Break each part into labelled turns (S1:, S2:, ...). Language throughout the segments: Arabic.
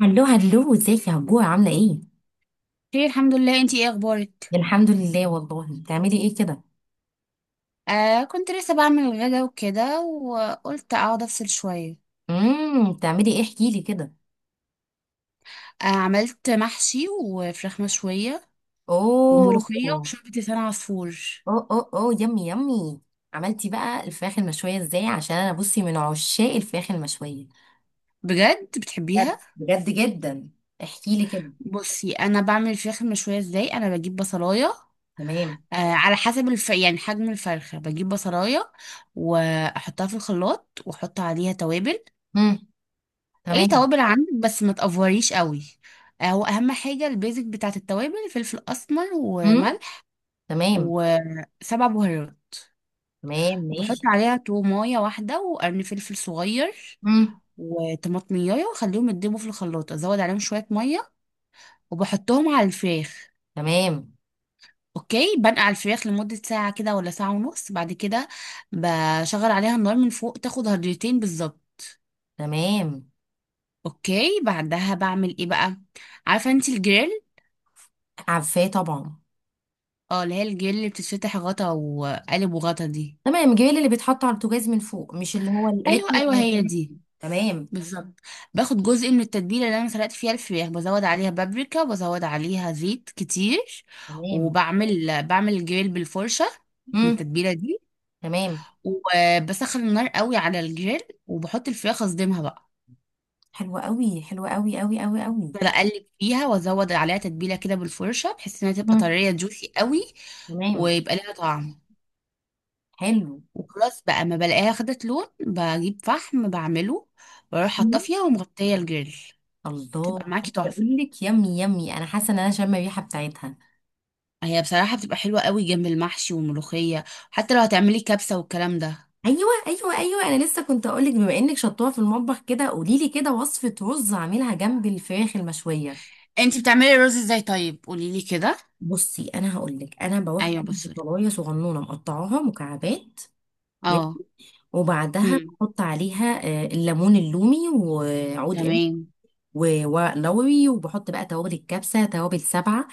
S1: هلو هلو، ازيك يا هجوه؟ عامله ايه؟
S2: خير، الحمد لله. انتي ايه اخبارك؟
S1: يعني الحمد لله والله. بتعملي ايه كده؟
S2: كنت لسه بعمل الغدا وكده، وقلت اقعد افصل شويه.
S1: بتعملي ايه؟ احكي لي كده.
S2: عملت محشي وفراخ مشويه،
S1: اوه
S2: وملوخيه
S1: اوه.
S2: وشوربه لسان عصفور.
S1: اوه اوه، يمي يمي. عملتي بقى الفراخ المشويه ازاي؟ عشان انا بصي من عشاق الفراخ المشويه.
S2: بجد
S1: بجد،
S2: بتحبيها؟
S1: بجد جدا. احكي لي كده.
S2: بصي، انا بعمل الفراخ المشويه ازاي. انا بجيب بصلايه
S1: تمام.
S2: آه، على حسب يعني حجم الفرخه، بجيب بصلايه واحطها في الخلاط واحط عليها توابل.
S1: امم.
S2: اي
S1: تمام.
S2: توابل عندك، بس ما تقفريش قوي. واهم حاجه البيزك بتاعت التوابل فلفل اسمر
S1: امم.
S2: وملح
S1: تمام.
S2: وسبع بهارات.
S1: تمام،
S2: وبحط
S1: ماشي.
S2: عليها تومايه واحده وقرن فلفل صغير
S1: امم.
S2: وطماطمية، واخليهم يتدبوا في الخلاط، ازود عليهم شويه ميه وبحطهم على الفراخ.
S1: تمام.
S2: اوكي، بنقع الفراخ لمده ساعه كده ولا ساعه ونص. بعد كده بشغل عليها النار من فوق، تاخد هضرتين بالظبط.
S1: تمام.
S2: اوكي، بعدها بعمل ايه بقى؟ عارفه انت الجريل؟
S1: عارفاه طبعا.
S2: اه، اللي هي الجريل اللي بتتفتح غطا وقالب وغطا دي.
S1: تمام، جميل. اللي بيتحط على البوتاجاز من فوق، مش اللي هو
S2: ايوه
S1: الالكتريك
S2: ايوه،
S1: أو
S2: هي
S1: الحاجات.
S2: دي
S1: تمام.
S2: بالظبط. باخد جزء من التتبيله اللي انا سلقت فيها الفراخ، بزود عليها بابريكا وبزود عليها زيت كتير.
S1: تمام.
S2: وبعمل الجريل بالفرشه من
S1: امم.
S2: التتبيله دي.
S1: تمام.
S2: وبسخن النار قوي على الجريل، وبحط الفراخ، اصدمها بقى.
S1: حلوة قوي، حلوة قوي قوي قوي قوي.
S2: افضل اقلب فيها وازود عليها تتبيله كده بالفرشه، بحيث انها تبقى
S1: امم.
S2: طريه جوسي قوي
S1: تمام.
S2: ويبقى لها طعم.
S1: حلو.
S2: وخلاص بقى، ما بلاقيها خدت لون، بجيب فحم بعمله واروح
S1: مم.
S2: حاطه فيها ومغطيه الجريل.
S1: الله،
S2: بتبقى معاكي
S1: عايزة
S2: تحفه.
S1: اقول لك يمي يمي، انا حاسة ان انا شامة الريحة بتاعتها.
S2: هي بصراحة بتبقى حلوة قوي جنب المحشي والملوخية، حتى لو هتعملي كبسة والكلام ده.
S1: ايوه ايوه ايوه، انا لسه كنت اقول لك، بما انك شطوها في المطبخ كده قولي لي كده وصفة رز اعملها جنب الفراخ المشوية.
S2: انتي بتعملي الرز ازاي؟ طيب قولي لي كده.
S1: بصي انا هقول لك، انا بروح
S2: ايوه
S1: جنب
S2: بصي.
S1: بطلايه صغنونه مقطعاها مكعبات. ماشي؟
S2: اه.
S1: وبعدها
S2: هم.
S1: احط عليها الليمون اللومي وعود
S2: تمام.
S1: ولوري، وبحط بقى توابل الكبسه، توابل سبعه،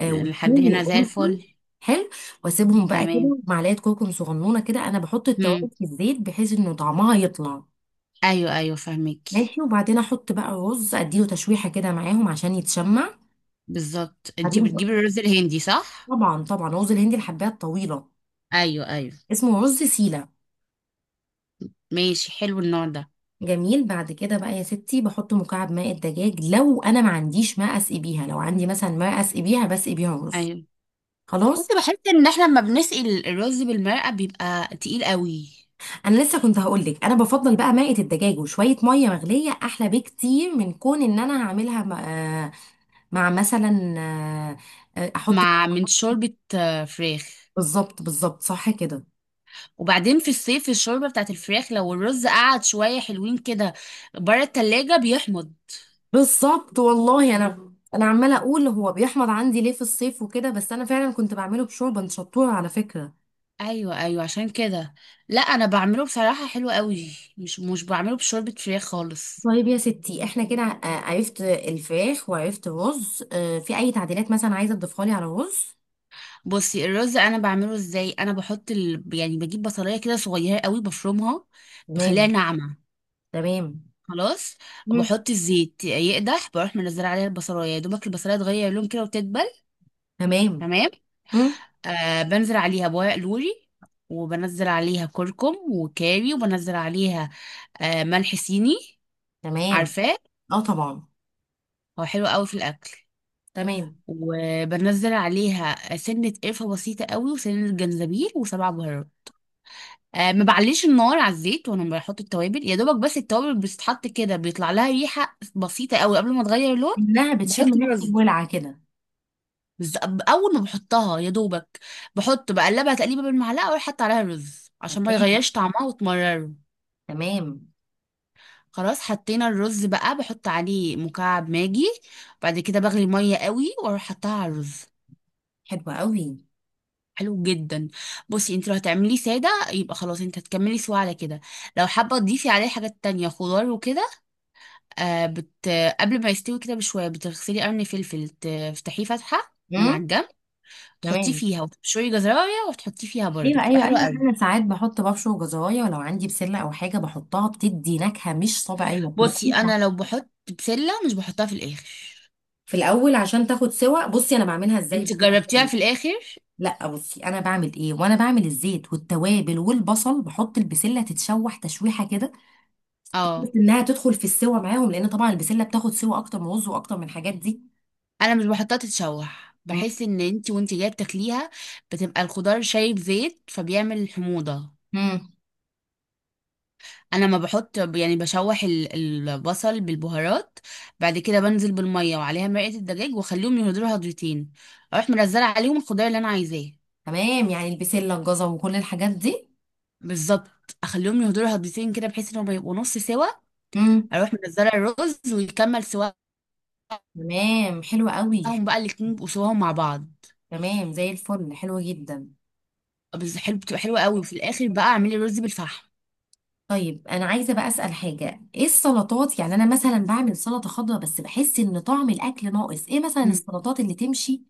S2: لحد
S1: وثوم
S2: هنا زي
S1: وقرفه.
S2: الفل.
S1: حلو. واسيبهم بقى
S2: تمام.
S1: كده، معلقه كركم صغنونه كده، انا بحط
S2: هم.
S1: التوابل في الزيت بحيث انه طعمها يطلع.
S2: ايوه ايوه فاهمك.
S1: ماشي. وبعدين احط بقى رز اديله تشويحه كده معاهم عشان يتشمع.
S2: بالظبط، انتي
S1: بعدين بقى-
S2: بتجيبي الرز الهندي صح؟
S1: طبعا، طبعا رز الهندي الحبايه الطويله.
S2: ايوه ايوه،
S1: اسمه رز سيله.
S2: ماشي، حلو النوع ده.
S1: جميل. بعد كده بقى يا ستي بحط مكعب ماء الدجاج. لو انا ما عنديش ماء اسقي بيها، لو عندي مثلا ماء اسقي بيها بسقي بيها رز.
S2: ايوه
S1: خلاص.
S2: بصي، بحس ان احنا لما بنسقي الرز بالمرقة بيبقى تقيل قوي.
S1: انا لسه كنت هقولك انا بفضل بقى مائة الدجاج وشويه ميه مغليه احلى بكتير من كون ان انا هعملها آه، مع مثلا احط.
S2: مع من شوربة فراخ.
S1: بالظبط، بالظبط، صح كده.
S2: وبعدين في الصيف الشوربة بتاعت الفراخ، لو الرز قعد شوية حلوين كده بره التلاجة، بيحمض.
S1: بالظبط والله. انا عماله اقول هو بيحمض عندي ليه في الصيف وكده، بس انا فعلا كنت بعمله بشوربه شطوره على فكره.
S2: ايوه ايوه، عشان كده. لا، انا بعمله بصراحة حلو قوي، مش بعمله بشوربة فراخ خالص.
S1: طيب يا ستي احنا كده، عرفت الفراخ وعرفت الرز، في اي تعديلات مثلا عايزه تضيفها لي على الرز؟
S2: بصي، الرز انا بعمله ازاي. انا بحط يعني بجيب بصلايه كده صغيره قوي بفرمها، بخليها
S1: تمام.
S2: ناعمه.
S1: تمام.
S2: خلاص.
S1: مم.
S2: وبحط الزيت يقدح، بروح منزله عليها البصلايه، يا دوبك البصلايه تغير لون كده وتدبل.
S1: تمام.
S2: تمام.
S1: مم.
S2: بنزل عليها بورق لوري، وبنزل عليها كركم وكاري، وبنزل عليها ملح صيني.
S1: تمام.
S2: عارفاه؟
S1: اه، طبعا.
S2: هو حلو قوي في الاكل.
S1: تمام.
S2: وبنزل عليها سنة قرفة بسيطة قوي، وسنة جنزبيل، وسبع بهارات. ما بعليش النار على الزيت وانا بحط التوابل، يا دوبك بس التوابل بتتحط كده بيطلع لها ريحة بسيطة قوي قبل ما تغير اللون.
S1: انها بتشم
S2: بحط
S1: ريحه
S2: الرز.
S1: الولعه كده.
S2: بز- اول ما بحطها يا دوبك، بحط بقلبها تقليبه بالمعلقه، واروح حاطه عليها رز عشان ما
S1: تمام.
S2: يغيرش طعمها وتمرره.
S1: تمام،
S2: خلاص، حطينا الرز بقى، بحط عليه مكعب ماجي. بعد كده بغلي الميه قوي واروح حطها على الرز.
S1: حلوه قوي.
S2: حلو جدا. بصي، انت لو هتعمليه ساده يبقى خلاص، انت هتكملي سوا على كده. لو حابه تضيفي عليه حاجات تانية خضار وكده، آه بت... قبل ما يستوي كده بشويه، بتغسلي قرن فلفل تفتحيه فتحه من على
S1: امم.
S2: الجنب، تحطيه
S1: تمام.
S2: فيها وتبشري جزرايه وتحطيه فيها برضه،
S1: ايوه
S2: بتبقى
S1: ايوه
S2: حلوه
S1: ايوه،
S2: قوي.
S1: انا ساعات بحط ببشر وجزرايه، ولو عندي بسله او حاجه بحطها بتدي نكهه مش طبيعيه
S2: بصي،
S1: بتنقلها.
S2: انا لو بحط بسله، مش بحطها في الاخر.
S1: في الاول عشان تاخد سوا. بصي انا بعملها ازاي
S2: انت
S1: بقى؟
S2: جربتيها في الاخر؟
S1: لا، بصي انا بعمل ايه، وانا بعمل الزيت والتوابل والبصل بحط البسله تتشوح تشويحه كده، بس
S2: اه.
S1: انها تدخل في السوا معاهم، لان طبعا البسله بتاخد سوا اكتر من رز واكتر من الحاجات دي.
S2: انا مش بحطها تتشوح، بحس ان انت وانت جايه بتاكليها بتبقى الخضار شايب زيت، فبيعمل حموضه.
S1: مم.
S2: انا ما بحط، يعني بشوح البصل بالبهارات. بعد كده بنزل بالميه وعليها مرقه الدجاج، واخليهم يهدروا هضرتين. اروح منزله عليهم الخضار اللي انا عايزاه.
S1: تمام، يعني البسلة الجزر وكل الحاجات دي.
S2: بالظبط، اخليهم يهدروا هضرتين كده بحيث انهم يبقوا نص سوا.
S1: امم.
S2: اروح منزله الرز ويكمل سواهم.
S1: تمام، حلوة قوي.
S2: بقى الاتنين يبقوا سواهم مع بعض.
S1: تمام، زي الفل، حلوة جدا.
S2: بس حلو، بتبقى حلوه قوي. وفي الاخر بقى اعملي رز بالفحم.
S1: طيب انا عايزة بقى اسأل حاجة. ايه السلطات؟ يعني انا مثلا بعمل سلطة خضراء بس بحس ان طعم الاكل ناقص. ايه مثلا السلطات اللي تمشي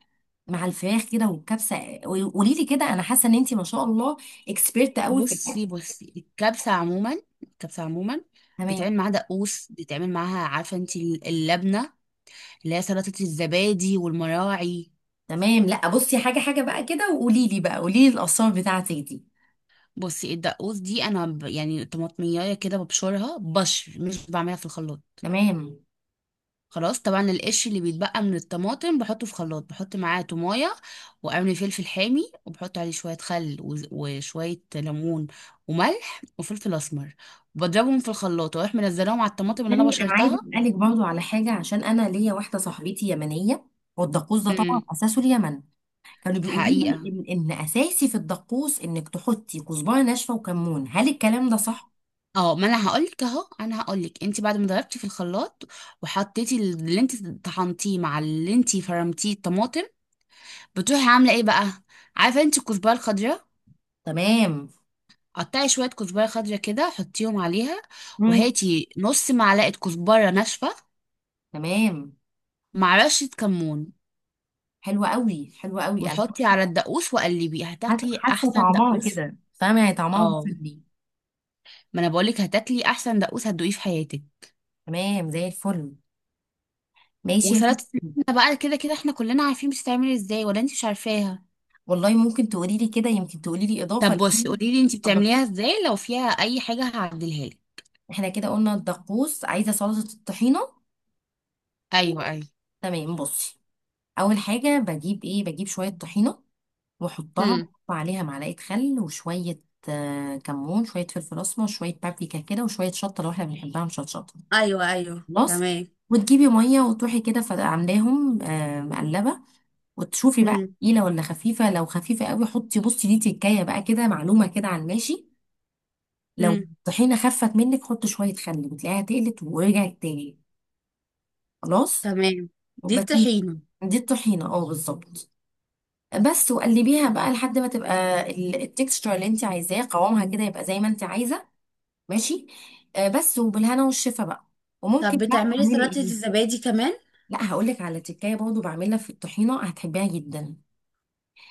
S1: مع الفراخ كده والكبسة؟ قولي لي كده، انا حاسة ان انتي ما شاء الله اكسبيرت قوي في الاكل.
S2: بصي الكبسة عموما،
S1: تمام.
S2: بيتعمل معاها دقوس، بيتعمل معاها، عارفة انت اللبنة اللي هي سلطة الزبادي والمراعي؟
S1: تمام. لا، بصي حاجة حاجة بقى كده، وقولي لي بقى، قولي لي الاسرار بتاعتك دي.
S2: بصي، الدقوس دي انا يعني طماطمية كده ببشرها بشر، مش بعملها في الخلاط.
S1: تمام.
S2: خلاص، طبعا القش اللي بيتبقى من الطماطم بحطه في خلاط، بحط معاه تومايه وقرن فلفل حامي، وبحط عليه شويه خل وشويه ليمون وملح وفلفل اسمر. بضربهم في الخلاط واروح منزلاهم على الطماطم اللي انا
S1: يعني انا عايزه
S2: بشرتها.
S1: اسالك برضو على حاجه عشان انا ليا واحده صاحبتي يمنيه. والدقوس ده طبعا اساسه اليمن. كانوا بيقولوا لي
S2: حقيقة؟
S1: ان اساسي في الدقوس انك تحطي كزبره ناشفه وكمون. هل الكلام ده صح؟
S2: اه، ما انا هقولك اهو. انا هقولك انت بعد ما ضربتي في الخلاط، وحطيتي اللي انت طحنتيه مع اللي انت فرمتيه الطماطم، بتروحي عامله ايه بقى؟ عارفه انت الكزبره الخضراء؟
S1: تمام.
S2: قطعي شويه كزبره خضراء كده، حطيهم عليها،
S1: مم.
S2: وهاتي نص معلقه كزبره ناشفه
S1: تمام،
S2: مع رشه كمون،
S1: حلوه قوي، حلوه قوي. انا
S2: وحطي على الدقوس وقلبي، هتاكلي
S1: حاسه
S2: احسن
S1: طعمها
S2: دقوس.
S1: كده، فاهمه يعني، طعمها
S2: اه،
S1: وصلني.
S2: ما انا بقولك هتاكلي احسن دقوس هتدوقيه في حياتك.
S1: تمام، زي الفل. ماشي يا
S2: وسلطه
S1: ستي.
S2: اللحمة بقى، كده كده احنا كلنا عارفين بتتعمل ازاي، ولا انت مش عارفاها؟
S1: والله ممكن تقولي لي كده، يمكن تقولي لي اضافه
S2: طب بصي،
S1: لان
S2: قولي لي انت بتعمليها
S1: الدقوس-
S2: ازاي، لو فيها اي حاجه هعدلها لك.
S1: احنا كده قلنا الدقوس عايزه سلطه الطحينه.
S2: ايوه ايوه.
S1: تمام، بصي. اول حاجه بجيب ايه؟ بجيب شويه طحينه، واحطها
S2: امم.
S1: واحط عليها معلقه خل، وشويه كمون، شويه فلفل اسمر، شويه بابريكا كده، وشويه شطه لو احنا بنحبها مشطشطه.
S2: ايوه ايوه.
S1: خلاص.
S2: تمام.
S1: وتجيبي ميه وتروحي كده عاملاهم مقلبه، وتشوفي بقى
S2: امم.
S1: تقيله ولا خفيفه. لو خفيفه قوي حطي، بصي دي تكايه بقى كده، معلومه كده على الماشي، لو
S2: امم.
S1: الطحينه خفت منك حطي شويه خل بتلاقيها تقلت ورجعت تاني. خلاص.
S2: تمام. دي
S1: بس
S2: الطحينه.
S1: دي الطحينه، اه، بالظبط. بس وقلبيها بقى لحد ما تبقى التكستشر اللي انت عايزاه قوامها كده يبقى زي ما انت عايزه. ماشي. بس وبالهنا والشفا بقى.
S2: طب
S1: وممكن بقى
S2: بتعملي
S1: تعملي
S2: سلطه
S1: ايه؟
S2: الزبادي كمان؟
S1: لا، هقول لك على تكايه برضه بعملها في الطحينه هتحبيها جدا.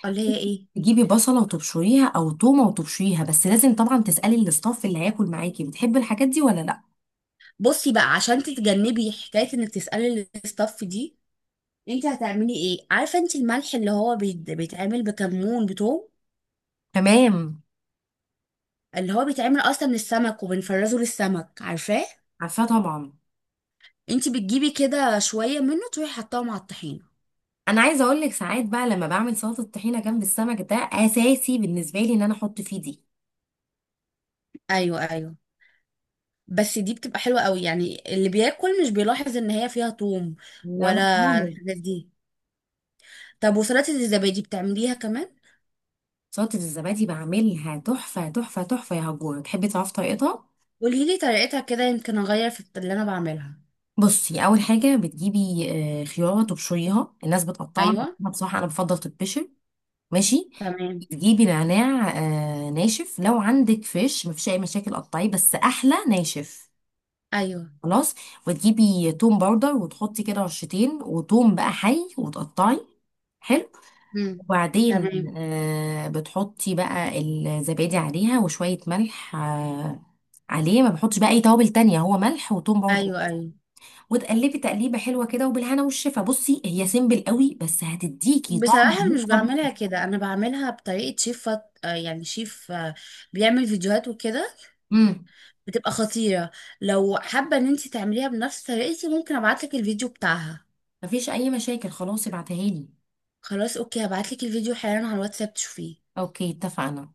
S2: ولا هي ايه؟
S1: تجيبي بصله وتبشريها او تومه وتبشريها، بس لازم طبعا تسالي الاستاف اللي هياكل معاكي بتحب الحاجات دي ولا لا.
S2: بصي بقى، عشان تتجنبي حكايه انك تسالي الاستاف دي، انت هتعملي ايه؟ عارفه انت الملح اللي هو بيتعمل بكمون بتوم،
S1: تمام.
S2: اللي هو بيتعمل اصلا من السمك وبنفرزه للسمك؟ عارفاه؟
S1: عارفاه طبعا.
S2: انت بتجيبي كده شويه منه، تروحي حطاه مع الطحينه.
S1: انا عايزه اقول لك ساعات بقى لما بعمل سلطه الطحينه جنب السمك، ده اساسي بالنسبه لي ان انا احط فيه دي.
S2: ايوه ايوه. بس دي بتبقى حلوة قوي، يعني اللي بياكل مش بيلاحظ ان هي فيها توم
S1: ان
S2: ولا
S1: انا
S2: الحاجات دي. طب، وسلطة الزبادي بتعمليها كمان؟
S1: سلطة الزبادي بعملها تحفة تحفة تحفة يا هجورة. تحبي تعرفي طريقتها؟
S2: قولي لي طريقتها كده، يمكن اغير في اللي انا بعملها.
S1: بصي، أول حاجة بتجيبي خيارة تبشريها. الناس بتقطعها بس
S2: ايوه.
S1: أنا بصراحة أنا بفضل تتبشر. ماشي.
S2: تمام.
S1: تجيبي نعناع ناشف. لو عندك فيش مفيش أي مشاكل قطعيه بس أحلى ناشف.
S2: ايوه.
S1: خلاص. وتجيبي توم باودر وتحطي كده رشتين، وتوم بقى حي وتقطعي. حلو.
S2: امم.
S1: وبعدين
S2: تمام.
S1: بتحطي بقى الزبادي عليها وشوية ملح، عليه ما بحطش بقى اي توابل تانية، هو ملح وتوم باودر.
S2: ايوه ايوه.
S1: وتقلبي تقليبه حلوه كده وبالهنا والشفا. بصي هي سيمبل قوي بس هتديكي طعم
S2: بصراحة مش
S1: مش طبيعي.
S2: بعملها كده، انا بعملها بطريقة شيف فط... آه، يعني شيف آه، بيعمل فيديوهات وكده،
S1: امم.
S2: بتبقى خطيرة. لو حابة ان انت تعمليها بنفس طريقتي ممكن ابعتلك الفيديو بتاعها.
S1: مفيش اي مشاكل، خلاص، ابعتها لي.
S2: خلاص، اوكي، هبعتلك الفيديو حالا على الواتساب تشوفيه.
S1: اوكي اتفقنا.